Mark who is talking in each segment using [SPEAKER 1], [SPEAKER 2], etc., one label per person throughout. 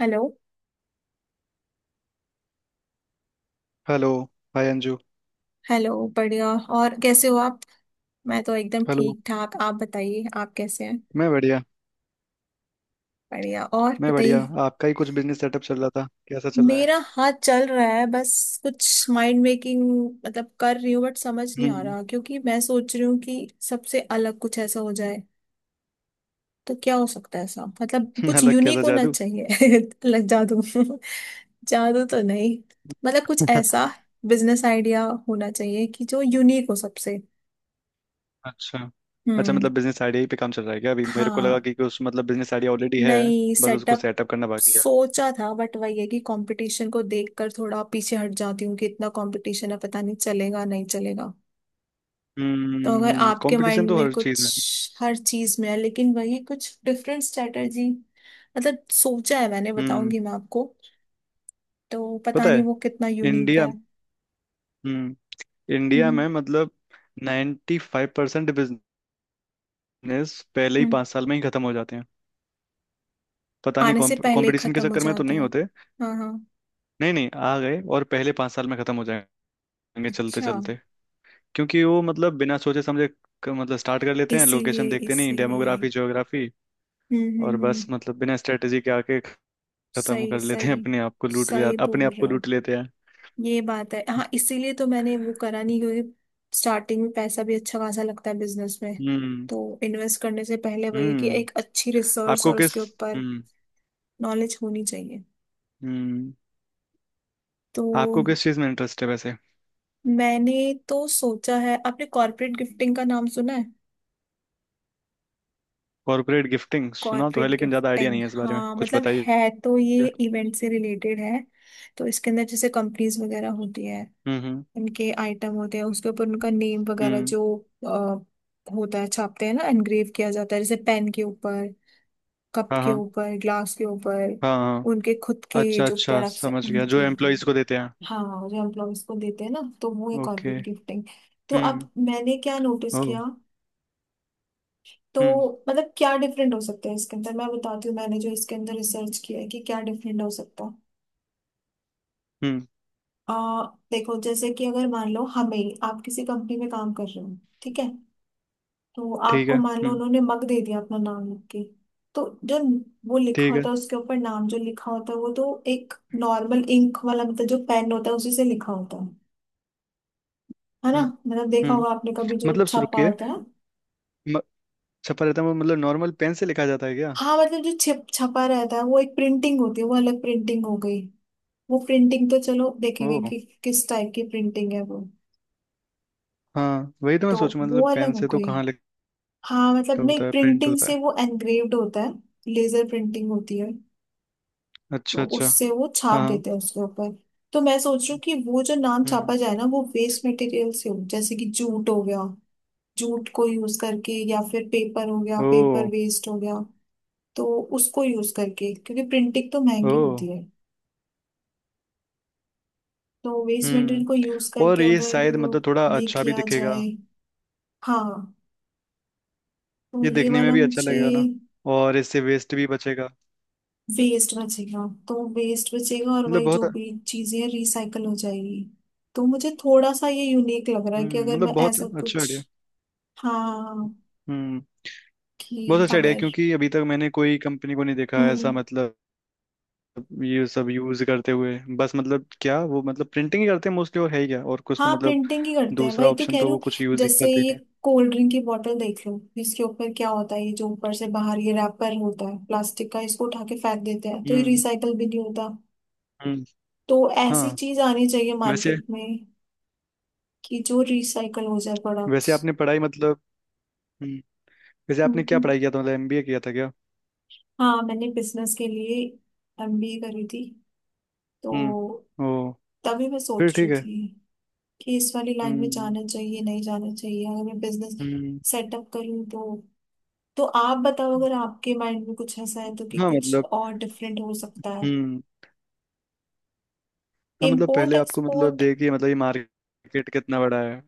[SPEAKER 1] Hello.
[SPEAKER 2] Hello. Hi Anju.
[SPEAKER 1] Hello बढ़िया। और कैसे हो आप? मैं तो एकदम
[SPEAKER 2] हेलो।
[SPEAKER 1] ठीक ठाक। आप बताइए, आप कैसे हैं?
[SPEAKER 2] मैं बढ़िया
[SPEAKER 1] बढ़िया। और
[SPEAKER 2] मैं बढ़िया।
[SPEAKER 1] बताइए।
[SPEAKER 2] आपका ही कुछ बिजनेस सेटअप चल रहा था, कैसा चल रहा है?
[SPEAKER 1] मेरा हाथ चल रहा है बस। कुछ माइंड मेकिंग मतलब कर रही हूँ, बट समझ नहीं आ
[SPEAKER 2] हम्म।
[SPEAKER 1] रहा क्योंकि मैं सोच रही हूँ कि सबसे अलग कुछ ऐसा हो जाए। तो क्या हो सकता है ऐसा, मतलब कुछ
[SPEAKER 2] अलग कैसा
[SPEAKER 1] यूनिक होना
[SPEAKER 2] जादू?
[SPEAKER 1] चाहिए। अलग जादू। जादू तो नहीं, मतलब कुछ ऐसा बिजनेस आइडिया होना चाहिए कि जो यूनिक हो सबसे।
[SPEAKER 2] अच्छा, अच्छा,
[SPEAKER 1] हम्म।
[SPEAKER 2] मतलब बिजनेस आइडिया ही पे काम चल रहा है क्या? अभी मेरे को लगा
[SPEAKER 1] हाँ।
[SPEAKER 2] कि उस मतलब बिजनेस आइडिया ऑलरेडी है,
[SPEAKER 1] नहीं,
[SPEAKER 2] बस उसको
[SPEAKER 1] सेटअप।
[SPEAKER 2] सेटअप करना बाकी है।
[SPEAKER 1] सोचा था बट वही है कि कंपटीशन को देखकर थोड़ा पीछे हट जाती हूँ कि इतना कंपटीशन है, पता नहीं चलेगा नहीं चलेगा। तो अगर
[SPEAKER 2] हम्म,
[SPEAKER 1] आपके
[SPEAKER 2] कंपटीशन
[SPEAKER 1] माइंड
[SPEAKER 2] तो
[SPEAKER 1] में
[SPEAKER 2] हर चीज में।
[SPEAKER 1] कुछ हर चीज में है लेकिन वही कुछ डिफरेंट स्ट्रेटजी। मतलब सोचा है, मैंने
[SPEAKER 2] हम्म।
[SPEAKER 1] बताऊंगी मैं आपको। तो पता
[SPEAKER 2] पता
[SPEAKER 1] नहीं
[SPEAKER 2] है,
[SPEAKER 1] वो कितना यूनिक
[SPEAKER 2] इंडिया,
[SPEAKER 1] है।
[SPEAKER 2] हम्म, इंडिया
[SPEAKER 1] हम्म।
[SPEAKER 2] में मतलब 95% फाइव परसेंट बिजनेस पहले ही
[SPEAKER 1] हम्म।
[SPEAKER 2] पाँच साल में ही खत्म हो जाते हैं। पता नहीं,
[SPEAKER 1] आने से पहले ही
[SPEAKER 2] कंपटीशन के
[SPEAKER 1] खत्म हो
[SPEAKER 2] चक्कर में तो
[SPEAKER 1] जाते
[SPEAKER 2] नहीं
[SPEAKER 1] हैं।
[SPEAKER 2] होते।
[SPEAKER 1] हाँ हाँ।
[SPEAKER 2] नहीं नहीं, आ गए और पहले पाँच साल में खत्म हो जाएंगे, चलते
[SPEAKER 1] अच्छा।
[SPEAKER 2] चलते। क्योंकि वो मतलब बिना सोचे समझे स्टार्ट कर लेते हैं, लोकेशन
[SPEAKER 1] इसीलिए
[SPEAKER 2] देखते नहीं,
[SPEAKER 1] इसीलिए।
[SPEAKER 2] डेमोग्राफी, ज्योग्राफी, और
[SPEAKER 1] हम्म।
[SPEAKER 2] बस मतलब बिना स्ट्रेटेजी के आके खत्म
[SPEAKER 1] सही
[SPEAKER 2] कर लेते
[SPEAKER 1] सही।
[SPEAKER 2] हैं,
[SPEAKER 1] सही
[SPEAKER 2] अपने
[SPEAKER 1] बोल
[SPEAKER 2] आप
[SPEAKER 1] रहे
[SPEAKER 2] को
[SPEAKER 1] हो।
[SPEAKER 2] लूट लेते हैं।
[SPEAKER 1] ये बात है, हाँ, इसीलिए तो मैंने वो करा नहीं, क्योंकि स्टार्टिंग में पैसा भी अच्छा खासा लगता है बिजनेस में।
[SPEAKER 2] हम्म।
[SPEAKER 1] तो इन्वेस्ट करने से पहले वही है कि
[SPEAKER 2] हम्म
[SPEAKER 1] एक अच्छी रिसर्च
[SPEAKER 2] आपको
[SPEAKER 1] और
[SPEAKER 2] किस
[SPEAKER 1] उसके ऊपर
[SPEAKER 2] हम्म।
[SPEAKER 1] नॉलेज होनी चाहिए।
[SPEAKER 2] हम्म,
[SPEAKER 1] तो
[SPEAKER 2] आपको किस चीज में इंटरेस्ट है वैसे?
[SPEAKER 1] मैंने तो सोचा है, आपने कॉर्पोरेट गिफ्टिंग का नाम सुना है?
[SPEAKER 2] कॉर्पोरेट गिफ्टिंग सुना तो है,
[SPEAKER 1] कॉर्पोरेट
[SPEAKER 2] लेकिन ज्यादा आइडिया
[SPEAKER 1] गिफ्टिंग,
[SPEAKER 2] नहीं है, इस बारे में
[SPEAKER 1] हाँ,
[SPEAKER 2] कुछ
[SPEAKER 1] मतलब
[SPEAKER 2] बताइए।
[SPEAKER 1] है तो ये इवेंट से रिलेटेड है। तो इसके अंदर जैसे कंपनीज वगैरह होती है।
[SPEAKER 2] हम्म, हम्म,
[SPEAKER 1] उनके आइटम होते हैं, उसके ऊपर उनका नेम वगैरह
[SPEAKER 2] हम्म,
[SPEAKER 1] जो अ, होता है, छापते हैं ना, एनग्रेव किया जाता है, जैसे पेन के ऊपर। कप
[SPEAKER 2] हाँ
[SPEAKER 1] के
[SPEAKER 2] हाँ,
[SPEAKER 1] ऊपर, ग्लास के ऊपर।
[SPEAKER 2] हाँ हाँ।
[SPEAKER 1] उनके खुद के
[SPEAKER 2] अच्छा
[SPEAKER 1] जो
[SPEAKER 2] अच्छा,
[SPEAKER 1] प्रोडक्ट्स हैं
[SPEAKER 2] समझ गया, जो
[SPEAKER 1] उनकी।
[SPEAKER 2] एम्प्लॉयज को देते हैं।
[SPEAKER 1] हाँ, जो एम्प्लॉयज को देते हैं ना, तो वो है
[SPEAKER 2] ओके।
[SPEAKER 1] Corporate gifting. तो
[SPEAKER 2] हम्म।
[SPEAKER 1] अब मैंने क्या नोटिस
[SPEAKER 2] ओ।
[SPEAKER 1] किया। तो
[SPEAKER 2] हम्म,
[SPEAKER 1] मतलब क्या डिफरेंट हो सकता है इसके अंदर, मैं बताती हूँ मैंने जो इसके अंदर रिसर्च किया है कि क्या डिफरेंट हो सकता है।
[SPEAKER 2] हम्म।
[SPEAKER 1] अ, देखो, जैसे कि अगर मान लो हमें, आप किसी कंपनी में काम कर रहे हो। ठीक है। तो
[SPEAKER 2] ठीक
[SPEAKER 1] आपको
[SPEAKER 2] है,
[SPEAKER 1] मान लो
[SPEAKER 2] हम्म।
[SPEAKER 1] उन्होंने मग दे दिया अपना नाम लिख के। तो जो वो लिखा
[SPEAKER 2] ठीक
[SPEAKER 1] होता
[SPEAKER 2] है।
[SPEAKER 1] है उसके ऊपर, नाम जो लिखा होता है वो तो एक नॉर्मल इंक वाला, मतलब जो पेन होता है उसी से लिखा होता है। है ना।
[SPEAKER 2] हम्म।
[SPEAKER 1] मतलब देखा
[SPEAKER 2] हम्म।
[SPEAKER 1] होगा आपने कभी जो
[SPEAKER 2] मतलब सु-
[SPEAKER 1] छपा
[SPEAKER 2] रुकिए
[SPEAKER 1] होता है।
[SPEAKER 2] म- छपा रहता है वो, मतलब नॉर्मल पेन से लिखा जाता है क्या?
[SPEAKER 1] हाँ, मतलब जो छिप छपा रहता है वो एक प्रिंटिंग होती है, वो अलग प्रिंटिंग हो गई। वो प्रिंटिंग तो चलो
[SPEAKER 2] ओ,
[SPEAKER 1] देखेंगे कि किस टाइप की प्रिंटिंग है वो।
[SPEAKER 2] हाँ, वही तो मैं
[SPEAKER 1] तो
[SPEAKER 2] सोचूं,
[SPEAKER 1] वो
[SPEAKER 2] मतलब पेन
[SPEAKER 1] अलग हो
[SPEAKER 2] से तो
[SPEAKER 1] गई।
[SPEAKER 2] कहाँ लिखा
[SPEAKER 1] हाँ, मतलब नहीं,
[SPEAKER 2] होता है, प्रिंट
[SPEAKER 1] प्रिंटिंग
[SPEAKER 2] होता है।
[SPEAKER 1] से वो एनग्रेव्ड होता है। लेजर प्रिंटिंग होती है।
[SPEAKER 2] अच्छा
[SPEAKER 1] तो
[SPEAKER 2] अच्छा।
[SPEAKER 1] उससे वो छाप
[SPEAKER 2] हाँ।
[SPEAKER 1] देते हैं उसके ऊपर। तो मैं सोच रही हूँ कि वो जो नाम
[SPEAKER 2] हम्म।
[SPEAKER 1] छापा जाए ना, वो वेस्ट मटेरियल से हो, जैसे कि जूट हो गया। जूट को यूज करके, या फिर पेपर हो गया,
[SPEAKER 2] ओ।
[SPEAKER 1] पेपर वेस्ट हो गया। तो उसको यूज करके, क्योंकि प्रिंटिंग तो
[SPEAKER 2] ओ।
[SPEAKER 1] महंगी होती है। तो वेस्ट मटेरियल
[SPEAKER 2] हम्म,
[SPEAKER 1] को यूज
[SPEAKER 2] और
[SPEAKER 1] करके
[SPEAKER 2] ये
[SPEAKER 1] अगर
[SPEAKER 2] शायद मतलब थोड़ा
[SPEAKER 1] ये
[SPEAKER 2] अच्छा भी
[SPEAKER 1] किया
[SPEAKER 2] दिखेगा।
[SPEAKER 1] जाए। हाँ। तो
[SPEAKER 2] ये
[SPEAKER 1] ये
[SPEAKER 2] देखने में
[SPEAKER 1] वाला
[SPEAKER 2] भी अच्छा
[SPEAKER 1] मुझे।
[SPEAKER 2] लगेगा ना, और इससे वेस्ट भी बचेगा।
[SPEAKER 1] वेस्ट बचेगा तो वेस्ट बचेगा, और
[SPEAKER 2] मतलब
[SPEAKER 1] वही जो
[SPEAKER 2] बहुत,
[SPEAKER 1] भी चीजें रिसाइकल हो जाएगी। तो मुझे थोड़ा सा ये यूनिक लग रहा है कि
[SPEAKER 2] हम्म,
[SPEAKER 1] अगर
[SPEAKER 2] मतलब
[SPEAKER 1] मैं
[SPEAKER 2] बहुत
[SPEAKER 1] ऐसा
[SPEAKER 2] अच्छा
[SPEAKER 1] कुछ।
[SPEAKER 2] आइडिया।
[SPEAKER 1] हाँ।
[SPEAKER 2] हम्म, बहुत
[SPEAKER 1] कि
[SPEAKER 2] अच्छा आइडिया,
[SPEAKER 1] अगर।
[SPEAKER 2] क्योंकि अभी तक मैंने कोई कंपनी को नहीं देखा ऐसा,
[SPEAKER 1] हम्म।
[SPEAKER 2] मतलब ये सब यूज करते हुए। बस मतलब क्या वो मतलब प्रिंटिंग ही करते हैं मोस्टली, और है ही क्या और कुछ तो,
[SPEAKER 1] हाँ,
[SPEAKER 2] मतलब
[SPEAKER 1] प्रिंटिंग ही करते हैं, वही
[SPEAKER 2] दूसरा
[SPEAKER 1] तो
[SPEAKER 2] ऑप्शन
[SPEAKER 1] कह
[SPEAKER 2] तो
[SPEAKER 1] रही
[SPEAKER 2] वो
[SPEAKER 1] हूँ।
[SPEAKER 2] कुछ यूज ही
[SPEAKER 1] जैसे
[SPEAKER 2] करते
[SPEAKER 1] ये
[SPEAKER 2] ही
[SPEAKER 1] कोल्ड ड्रिंक की बोतल देख लो, इसके ऊपर क्या होता है, ये जो ऊपर से बाहर ये रैपर होता है प्लास्टिक का, इसको उठा के फेंक देते हैं,
[SPEAKER 2] नहीं।
[SPEAKER 1] तो ये
[SPEAKER 2] हम्म,
[SPEAKER 1] रिसाइकल भी नहीं होता।
[SPEAKER 2] हम्म,
[SPEAKER 1] तो ऐसी
[SPEAKER 2] हाँ।
[SPEAKER 1] चीज आनी चाहिए
[SPEAKER 2] वैसे
[SPEAKER 1] मार्केट में। कि जो रिसाइकल हो जाए
[SPEAKER 2] वैसे
[SPEAKER 1] प्रोडक्ट्स।
[SPEAKER 2] आपने पढ़ाई मतलब हम्म, वैसे आपने क्या
[SPEAKER 1] हम्म,
[SPEAKER 2] पढ़ाई किया था, मतलब एमबीए किया था क्या?
[SPEAKER 1] हाँ, मैंने बिजनेस के लिए एमबीए करी थी। तो
[SPEAKER 2] हम्म, ओ,
[SPEAKER 1] तभी मैं
[SPEAKER 2] फिर
[SPEAKER 1] सोच रही
[SPEAKER 2] ठीक है।
[SPEAKER 1] थी कि इस वाली लाइन में
[SPEAKER 2] हम्म,
[SPEAKER 1] जाना चाहिए नहीं जाना चाहिए, अगर मैं बिजनेस
[SPEAKER 2] हम्म,
[SPEAKER 1] सेटअप करूँ तो। तो आप बताओ अगर आपके माइंड में कुछ ऐसा है तो, कि
[SPEAKER 2] हाँ
[SPEAKER 1] कुछ
[SPEAKER 2] मतलब,
[SPEAKER 1] और डिफरेंट हो सकता है।
[SPEAKER 2] हम्म। हाँ मतलब
[SPEAKER 1] इम्पोर्ट
[SPEAKER 2] पहले आपको मतलब
[SPEAKER 1] एक्सपोर्ट।
[SPEAKER 2] देखिए, मतलब ये मार्केट कितना बड़ा है,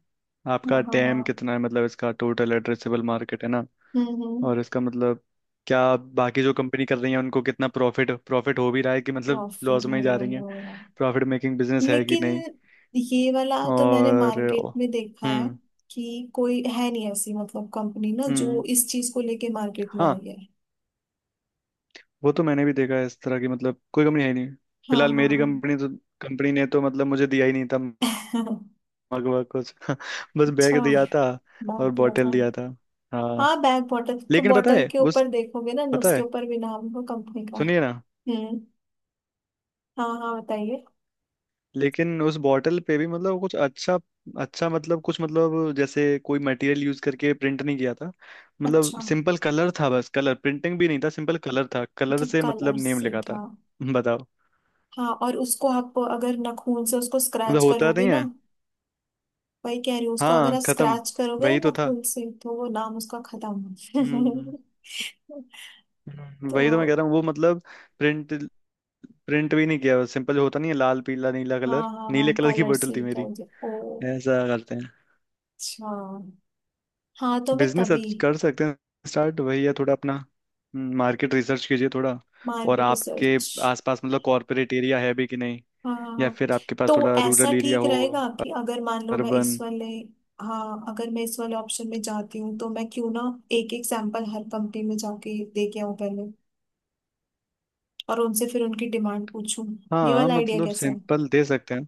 [SPEAKER 2] आपका
[SPEAKER 1] हाँ हाँ हाँ।
[SPEAKER 2] टैम कितना है, मतलब इसका टोटल एड्रेसेबल मार्केट है ना।
[SPEAKER 1] हम्म।
[SPEAKER 2] और इसका मतलब क्या बाकी जो कंपनी कर रही है, उनको कितना प्रॉफिट प्रॉफिट हो भी रहा है कि मतलब
[SPEAKER 1] प्रॉफिट
[SPEAKER 2] लॉस में
[SPEAKER 1] हो
[SPEAKER 2] ही
[SPEAKER 1] रहा
[SPEAKER 2] जा
[SPEAKER 1] है,
[SPEAKER 2] रही है,
[SPEAKER 1] हो रहा है।
[SPEAKER 2] प्रॉफिट मेकिंग बिजनेस है कि
[SPEAKER 1] लेकिन
[SPEAKER 2] नहीं।
[SPEAKER 1] ये वाला तो मैंने
[SPEAKER 2] और,
[SPEAKER 1] मार्केट में देखा है।
[SPEAKER 2] हम्म,
[SPEAKER 1] कि कोई है नहीं ऐसी, मतलब कंपनी ना, जो
[SPEAKER 2] हम्म,
[SPEAKER 1] इस चीज को लेके मार्केट में
[SPEAKER 2] हाँ,
[SPEAKER 1] आई है।
[SPEAKER 2] वो तो मैंने भी देखा है, इस तरह की मतलब कोई कंपनी है ही नहीं।
[SPEAKER 1] हाँ
[SPEAKER 2] फिलहाल मेरी
[SPEAKER 1] हाँ
[SPEAKER 2] कंपनी तो कंपनी ने तो मतलब मुझे दिया ही नहीं था,
[SPEAKER 1] हाँ।
[SPEAKER 2] मग वग कुछ। बस
[SPEAKER 1] अच्छा,
[SPEAKER 2] बैग दिया था और
[SPEAKER 1] बात हुआ
[SPEAKER 2] बॉटल
[SPEAKER 1] था।
[SPEAKER 2] दिया था। हाँ,
[SPEAKER 1] हाँ, बैग बॉटल। तो
[SPEAKER 2] लेकिन पता
[SPEAKER 1] बॉटल
[SPEAKER 2] है
[SPEAKER 1] के
[SPEAKER 2] उस
[SPEAKER 1] ऊपर देखोगे ना ना
[SPEAKER 2] पता
[SPEAKER 1] उसके
[SPEAKER 2] है,
[SPEAKER 1] ऊपर भी नाम होगा कंपनी का।
[SPEAKER 2] सुनिए ना,
[SPEAKER 1] हम्म। हाँ हाँ, बताइए।
[SPEAKER 2] लेकिन उस बॉटल पे भी मतलब कुछ अच्छा, अच्छा मतलब कुछ, मतलब जैसे कोई मटेरियल यूज करके प्रिंट नहीं किया था। मतलब
[SPEAKER 1] अच्छा
[SPEAKER 2] सिंपल कलर था, बस, कलर प्रिंटिंग भी नहीं था, सिंपल कलर था, कलर
[SPEAKER 1] अच्छा,
[SPEAKER 2] से मतलब
[SPEAKER 1] कलर
[SPEAKER 2] नेम
[SPEAKER 1] से
[SPEAKER 2] लिखा था।
[SPEAKER 1] था।
[SPEAKER 2] बताओ,
[SPEAKER 1] हाँ, और उसको आप अगर नाखून से उसको
[SPEAKER 2] मतलब
[SPEAKER 1] स्क्रैच
[SPEAKER 2] होता
[SPEAKER 1] करोगे
[SPEAKER 2] नहीं
[SPEAKER 1] ना।
[SPEAKER 2] है।
[SPEAKER 1] वही कह रही हूँ, उसको अगर
[SPEAKER 2] हाँ,
[SPEAKER 1] आप
[SPEAKER 2] खत्म,
[SPEAKER 1] स्क्रैच करोगे ना
[SPEAKER 2] वही तो था।
[SPEAKER 1] नाखून से, तो वो नाम उसका खत्म।
[SPEAKER 2] हम्म।
[SPEAKER 1] तो।
[SPEAKER 2] वही तो मैं कह रहा हूँ, वो मतलब प्रिंट प्रिंट भी नहीं किया, सिंपल होता नहीं है, लाल पीला नीला कलर,
[SPEAKER 1] हाँ हाँ
[SPEAKER 2] नीले
[SPEAKER 1] हाँ,
[SPEAKER 2] कलर की
[SPEAKER 1] कलर
[SPEAKER 2] बोतल
[SPEAKER 1] से
[SPEAKER 2] थी
[SPEAKER 1] ही कर
[SPEAKER 2] मेरी।
[SPEAKER 1] दे। ओ।
[SPEAKER 2] ऐसा करते हैं,
[SPEAKER 1] अच्छा। हाँ, तो मैं
[SPEAKER 2] बिजनेस
[SPEAKER 1] तभी।
[SPEAKER 2] कर सकते हैं, स्टार्ट, वही है, थोड़ा अपना, मार्केट रिसर्च कीजिए थोड़ा। और
[SPEAKER 1] मार्केट
[SPEAKER 2] आपके
[SPEAKER 1] रिसर्च।
[SPEAKER 2] आसपास मतलब कॉरपोरेट एरिया है भी कि नहीं, या
[SPEAKER 1] हाँ,
[SPEAKER 2] फिर आपके पास
[SPEAKER 1] तो
[SPEAKER 2] थोड़ा
[SPEAKER 1] ऐसा
[SPEAKER 2] रूरल एरिया
[SPEAKER 1] ठीक
[SPEAKER 2] हो,
[SPEAKER 1] रहेगा कि अगर मान लो मैं इस
[SPEAKER 2] अर्बन।
[SPEAKER 1] वाले। हाँ, अगर मैं इस वाले ऑप्शन में जाती हूँ तो मैं क्यों ना। एक एक सैंपल हर कंपनी में जाके दे के आऊँ पहले। और उनसे फिर उनकी डिमांड पूछूं। ये
[SPEAKER 2] हाँ
[SPEAKER 1] वाला आइडिया
[SPEAKER 2] मतलब
[SPEAKER 1] कैसा है?
[SPEAKER 2] सैंपल दे सकते हैं।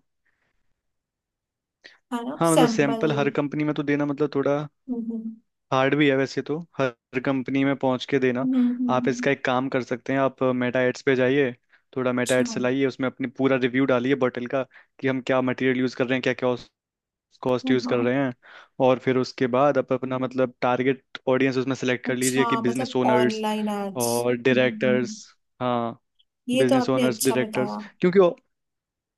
[SPEAKER 1] है ना,
[SPEAKER 2] हाँ मतलब
[SPEAKER 1] सैंपल।
[SPEAKER 2] सैंपल हर कंपनी में तो देना मतलब थोड़ा
[SPEAKER 1] हम्म हम्म
[SPEAKER 2] हार्ड भी है, वैसे तो हर कंपनी में पहुंच के देना। आप
[SPEAKER 1] हम्म।
[SPEAKER 2] इसका एक काम कर सकते हैं, आप मेटा एड्स पे जाइए, थोड़ा मेटा
[SPEAKER 1] अच्छा।
[SPEAKER 2] एड्स चलाइए, उसमें अपने पूरा रिव्यू डालिए बॉटल का, कि हम क्या मटेरियल यूज़ कर रहे हैं, क्या क्या कॉस्ट
[SPEAKER 1] हाँ
[SPEAKER 2] यूज कर रहे
[SPEAKER 1] हाँ।
[SPEAKER 2] हैं। और फिर उसके बाद आप अपना मतलब टारगेट ऑडियंस उसमें सेलेक्ट कर लीजिए
[SPEAKER 1] अच्छा,
[SPEAKER 2] कि बिजनेस
[SPEAKER 1] मतलब
[SPEAKER 2] ओनर्स
[SPEAKER 1] ऑनलाइन एड्स।
[SPEAKER 2] और डायरेक्टर्स। हाँ,
[SPEAKER 1] ये तो
[SPEAKER 2] बिजनेस
[SPEAKER 1] आपने
[SPEAKER 2] ओनर्स,
[SPEAKER 1] अच्छा
[SPEAKER 2] डायरेक्टर्स,
[SPEAKER 1] बताया।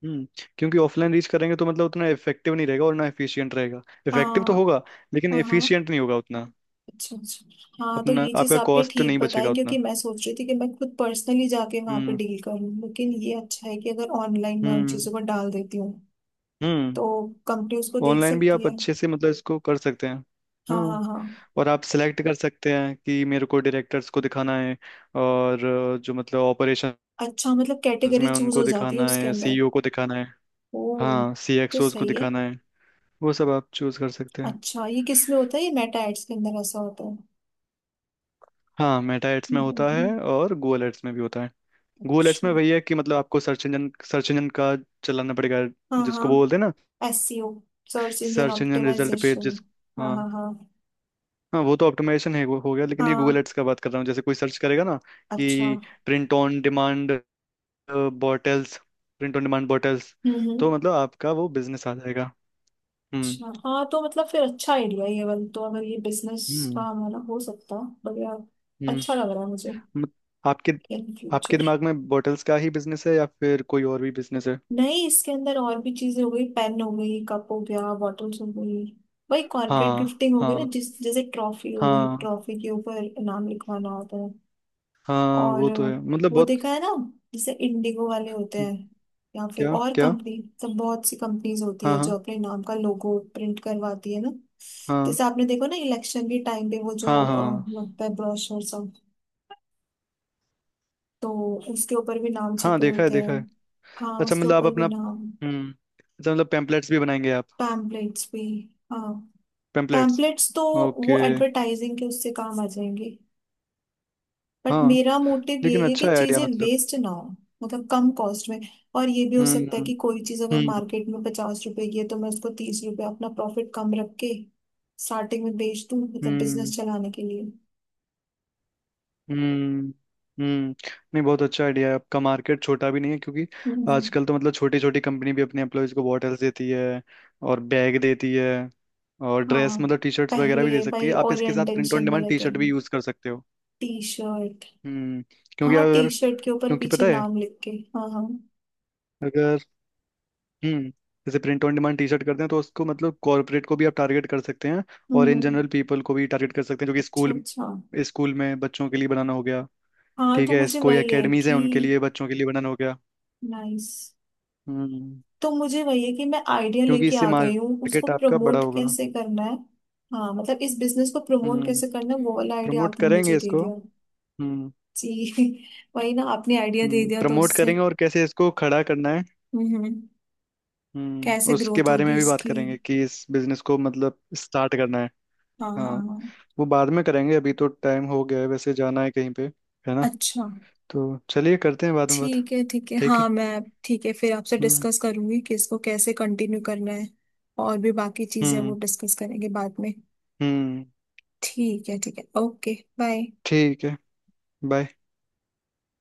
[SPEAKER 2] हम्म, क्योंकि ऑफलाइन रीच करेंगे तो मतलब उतना इफेक्टिव नहीं रहेगा, और ना एफिशिएंट रहेगा, इफेक्टिव तो
[SPEAKER 1] हाँ
[SPEAKER 2] होगा लेकिन
[SPEAKER 1] हाँ। हाँ।
[SPEAKER 2] एफिशिएंट नहीं होगा उतना,
[SPEAKER 1] अच्छा अच्छा। हाँ, तो
[SPEAKER 2] अपना
[SPEAKER 1] ये चीज
[SPEAKER 2] आपका
[SPEAKER 1] आपने
[SPEAKER 2] कॉस्ट
[SPEAKER 1] ठीक
[SPEAKER 2] नहीं
[SPEAKER 1] बताई
[SPEAKER 2] बचेगा
[SPEAKER 1] क्योंकि
[SPEAKER 2] उतना।
[SPEAKER 1] मैं सोच रही थी कि मैं खुद पर्सनली जाके वहां पे
[SPEAKER 2] हम्म,
[SPEAKER 1] डील करूँ, लेकिन ये अच्छा है कि अगर ऑनलाइन मैं उन
[SPEAKER 2] हम्म,
[SPEAKER 1] चीजों को डाल देती हूँ।
[SPEAKER 2] हम्म।
[SPEAKER 1] तो कंपनी उसको देख
[SPEAKER 2] ऑनलाइन भी
[SPEAKER 1] सकती
[SPEAKER 2] आप
[SPEAKER 1] है।
[SPEAKER 2] अच्छे से मतलब इसको कर सकते हैं।
[SPEAKER 1] हाँ
[SPEAKER 2] हाँ,
[SPEAKER 1] हाँ हाँ।
[SPEAKER 2] और आप सिलेक्ट कर सकते हैं कि मेरे को डायरेक्टर्स को दिखाना है, और अ, जो मतलब ऑपरेशंस
[SPEAKER 1] अच्छा, मतलब कैटेगरी
[SPEAKER 2] में
[SPEAKER 1] चूज
[SPEAKER 2] उनको
[SPEAKER 1] हो जाती है
[SPEAKER 2] दिखाना है,
[SPEAKER 1] उसके
[SPEAKER 2] या
[SPEAKER 1] अंदर।
[SPEAKER 2] सीईओ को दिखाना है,
[SPEAKER 1] ओ।
[SPEAKER 2] हाँ,
[SPEAKER 1] तो
[SPEAKER 2] सीएक्सओस को
[SPEAKER 1] सही है।
[SPEAKER 2] दिखाना है। वो सब आप चूज कर सकते हैं।
[SPEAKER 1] अच्छा, ये किस में होता है, ये मेटा एड्स के अंदर ऐसा होता है?
[SPEAKER 2] हाँ मेटा एड्स
[SPEAKER 1] हम्म,
[SPEAKER 2] में
[SPEAKER 1] हम्म,
[SPEAKER 2] होता है,
[SPEAKER 1] हम्म।
[SPEAKER 2] और गूगल एड्स में भी होता है। गूगल एड्स
[SPEAKER 1] अच्छा।
[SPEAKER 2] में वही है कि मतलब आपको सर्च इंजन का चलाना पड़ेगा,
[SPEAKER 1] हाँ
[SPEAKER 2] जिसको बोलते हैं
[SPEAKER 1] हाँ,
[SPEAKER 2] ना
[SPEAKER 1] S C O, search engine
[SPEAKER 2] search engine result page
[SPEAKER 1] optimization.
[SPEAKER 2] जिस।
[SPEAKER 1] हाँ
[SPEAKER 2] हाँ
[SPEAKER 1] हाँ हाँ।
[SPEAKER 2] हाँ, वो तो ऑप्टिमाइजेशन है, वो हो गया, लेकिन ये गूगल
[SPEAKER 1] हाँ।
[SPEAKER 2] एड्स का बात कर रहा हूँ, जैसे कोई सर्च करेगा ना
[SPEAKER 1] अच्छा।
[SPEAKER 2] कि print on demand bottles, print on demand bottles.
[SPEAKER 1] हम्म।
[SPEAKER 2] तो मतलब आपका वो बिजनेस आ जाएगा। हम्म,
[SPEAKER 1] अच्छा, हाँ, तो मतलब फिर अच्छा आइडिया है ये वाला, तो अगर ये बिजनेस का
[SPEAKER 2] हम्म,
[SPEAKER 1] हमारा हो सकता। बढ़िया। अच्छा
[SPEAKER 2] हम्म,
[SPEAKER 1] लग रहा है मुझे।
[SPEAKER 2] मत- आपके
[SPEAKER 1] इन
[SPEAKER 2] आपके
[SPEAKER 1] फ्यूचर।
[SPEAKER 2] दिमाग में बॉटल्स का ही बिजनेस है, या फिर कोई और भी बिजनेस है?
[SPEAKER 1] नहीं, इसके अंदर और भी चीजें हो गई, पेन हो गई, कप हो गया, बॉटल्स हो गई। वही कॉर्पोरेट
[SPEAKER 2] हाँ
[SPEAKER 1] गिफ्टिंग हो गई ना,
[SPEAKER 2] हाँ,
[SPEAKER 1] जिस जैसे ट्रॉफी हो गई,
[SPEAKER 2] हाँ
[SPEAKER 1] ट्रॉफी के ऊपर नाम लिखवाना होता है।
[SPEAKER 2] हाँ,
[SPEAKER 1] और
[SPEAKER 2] वो तो है, मतलब
[SPEAKER 1] वो
[SPEAKER 2] बहुत।
[SPEAKER 1] देखा है ना। जैसे इंडिगो वाले होते हैं। या फिर
[SPEAKER 2] क्या
[SPEAKER 1] और
[SPEAKER 2] क्या।
[SPEAKER 1] कंपनी सब, बहुत सी कंपनीज होती
[SPEAKER 2] हाँ
[SPEAKER 1] है
[SPEAKER 2] हाँ
[SPEAKER 1] जो अपने नाम का लोगो प्रिंट करवाती है ना।
[SPEAKER 2] हाँ,
[SPEAKER 1] जैसे आपने देखो ना, इलेक्शन के टाइम पे वो जो
[SPEAKER 2] हाँ, हाँ हाँ,
[SPEAKER 1] लगता है ब्रोशर सब। तो उसके ऊपर भी नाम
[SPEAKER 2] हाँ
[SPEAKER 1] छपे
[SPEAKER 2] देखा है
[SPEAKER 1] होते हैं।
[SPEAKER 2] देखा है।
[SPEAKER 1] हाँ,
[SPEAKER 2] अच्छा
[SPEAKER 1] उसके
[SPEAKER 2] मतलब आप
[SPEAKER 1] ऊपर भी
[SPEAKER 2] अपना,
[SPEAKER 1] नाम।
[SPEAKER 2] हम्म, अच्छा मतलब पेम्पलेट्स भी बनाएंगे आप,
[SPEAKER 1] पैम्पलेट्स भी। हाँ,
[SPEAKER 2] पेम्पलेट्स?
[SPEAKER 1] पैम्पलेट्स तो वो
[SPEAKER 2] ओके।
[SPEAKER 1] एडवर्टाइजिंग के उससे काम आ जाएंगे। बट
[SPEAKER 2] हाँ,
[SPEAKER 1] मेरा मोटिव
[SPEAKER 2] लेकिन
[SPEAKER 1] यही है कि
[SPEAKER 2] अच्छा है आइडिया,
[SPEAKER 1] चीजें
[SPEAKER 2] मतलब,
[SPEAKER 1] वेस्ट ना हो। मतलब कम कॉस्ट में। और ये भी हो सकता है
[SPEAKER 2] हम्म,
[SPEAKER 1] कि कोई चीज अगर
[SPEAKER 2] हम्म,
[SPEAKER 1] मार्केट में 50 रुपए की है तो मैं उसको 30 रुपए अपना प्रॉफिट कम रख के स्टार्टिंग में बेच दूं, मतलब
[SPEAKER 2] हम्म,
[SPEAKER 1] बिजनेस चलाने के लिए।
[SPEAKER 2] हम्म, हम्म। नहीं, बहुत अच्छा आइडिया है आपका, मार्केट छोटा भी नहीं है, क्योंकि
[SPEAKER 1] हम्म।
[SPEAKER 2] आजकल तो मतलब छोटी छोटी कंपनी भी अपने एम्प्लॉयज को बॉटल्स देती है, और बैग देती है, और ड्रेस,
[SPEAKER 1] हाँ,
[SPEAKER 2] मतलब टी शर्ट्स वगैरह भी
[SPEAKER 1] पहले
[SPEAKER 2] दे सकती है,
[SPEAKER 1] भाई
[SPEAKER 2] आप इसके साथ प्रिंट ऑन
[SPEAKER 1] ओरिएंटेशन
[SPEAKER 2] डिमांड
[SPEAKER 1] वाले
[SPEAKER 2] टी
[SPEAKER 1] दिन।
[SPEAKER 2] शर्ट भी यूज कर सकते हो।
[SPEAKER 1] T shirt.
[SPEAKER 2] हम्म, क्योंकि
[SPEAKER 1] हाँ, टी
[SPEAKER 2] अगर
[SPEAKER 1] शर्ट के ऊपर
[SPEAKER 2] क्योंकि
[SPEAKER 1] पीछे
[SPEAKER 2] पता है,
[SPEAKER 1] नाम लिख के। हाँ हाँ।
[SPEAKER 2] अगर, हम्म, जैसे print on demand T shirt करते हैं, तो उसको मतलब कॉर्पोरेट को भी आप टारगेट कर सकते हैं और
[SPEAKER 1] हम्म
[SPEAKER 2] इन
[SPEAKER 1] हम्म,
[SPEAKER 2] जनरल पीपल को भी टारगेट कर सकते हैं, जो कि
[SPEAKER 1] अच्छा
[SPEAKER 2] स्कूल
[SPEAKER 1] अच्छा।
[SPEAKER 2] स्कूल में बच्चों के लिए बनाना हो गया,
[SPEAKER 1] हाँ,
[SPEAKER 2] ठीक
[SPEAKER 1] तो
[SPEAKER 2] है,
[SPEAKER 1] मुझे
[SPEAKER 2] कोई
[SPEAKER 1] वही है
[SPEAKER 2] एकेडमीज
[SPEAKER 1] कि।
[SPEAKER 2] है, उनके लिए बच्चों के लिए बनाना हो गया।
[SPEAKER 1] नाइस।
[SPEAKER 2] हम्म,
[SPEAKER 1] तो मुझे वही है कि मैं आइडिया
[SPEAKER 2] क्योंकि
[SPEAKER 1] लेके
[SPEAKER 2] इससे
[SPEAKER 1] आ गई हूँ, उसको
[SPEAKER 2] मार्केट आपका बड़ा
[SPEAKER 1] प्रमोट
[SPEAKER 2] होगा।
[SPEAKER 1] कैसे करना है। हाँ, मतलब इस बिजनेस को प्रमोट
[SPEAKER 2] हम्म,
[SPEAKER 1] कैसे करना है, वो वाला आइडिया
[SPEAKER 2] प्रमोट
[SPEAKER 1] आपने मुझे
[SPEAKER 2] करेंगे
[SPEAKER 1] दे
[SPEAKER 2] इसको,
[SPEAKER 1] दिया।
[SPEAKER 2] हम्म।
[SPEAKER 1] जी। वही ना, आपने आइडिया दे
[SPEAKER 2] हम्म,
[SPEAKER 1] दिया तो
[SPEAKER 2] प्रमोट
[SPEAKER 1] उससे।
[SPEAKER 2] करेंगे, और कैसे इसको खड़ा करना है,
[SPEAKER 1] हम्म हम्म,
[SPEAKER 2] हम्म,
[SPEAKER 1] कैसे
[SPEAKER 2] उसके
[SPEAKER 1] ग्रोथ
[SPEAKER 2] बारे
[SPEAKER 1] होगी
[SPEAKER 2] में भी बात
[SPEAKER 1] इसकी।
[SPEAKER 2] करेंगे, कि इस बिजनेस को मतलब स्टार्ट करना है।
[SPEAKER 1] हाँ हाँ
[SPEAKER 2] हाँ,
[SPEAKER 1] हाँ।
[SPEAKER 2] वो बाद में करेंगे, अभी तो टाइम हो गया है, वैसे जाना है कहीं पे, है ना,
[SPEAKER 1] अच्छा।
[SPEAKER 2] तो चलिए करते हैं बाद में बात।
[SPEAKER 1] ठीक है ठीक है,
[SPEAKER 2] ठीक है,
[SPEAKER 1] हाँ, मैं ठीक है फिर आपसे
[SPEAKER 2] हम्म,
[SPEAKER 1] डिस्कस करूंगी कि इसको कैसे कंटिन्यू करना है। और भी बाकी चीजें वो
[SPEAKER 2] हम्म,
[SPEAKER 1] डिस्कस करेंगे बाद में।
[SPEAKER 2] हम्म,
[SPEAKER 1] ठीक है ठीक है, ओके। बाय।
[SPEAKER 2] ठीक है, बाय।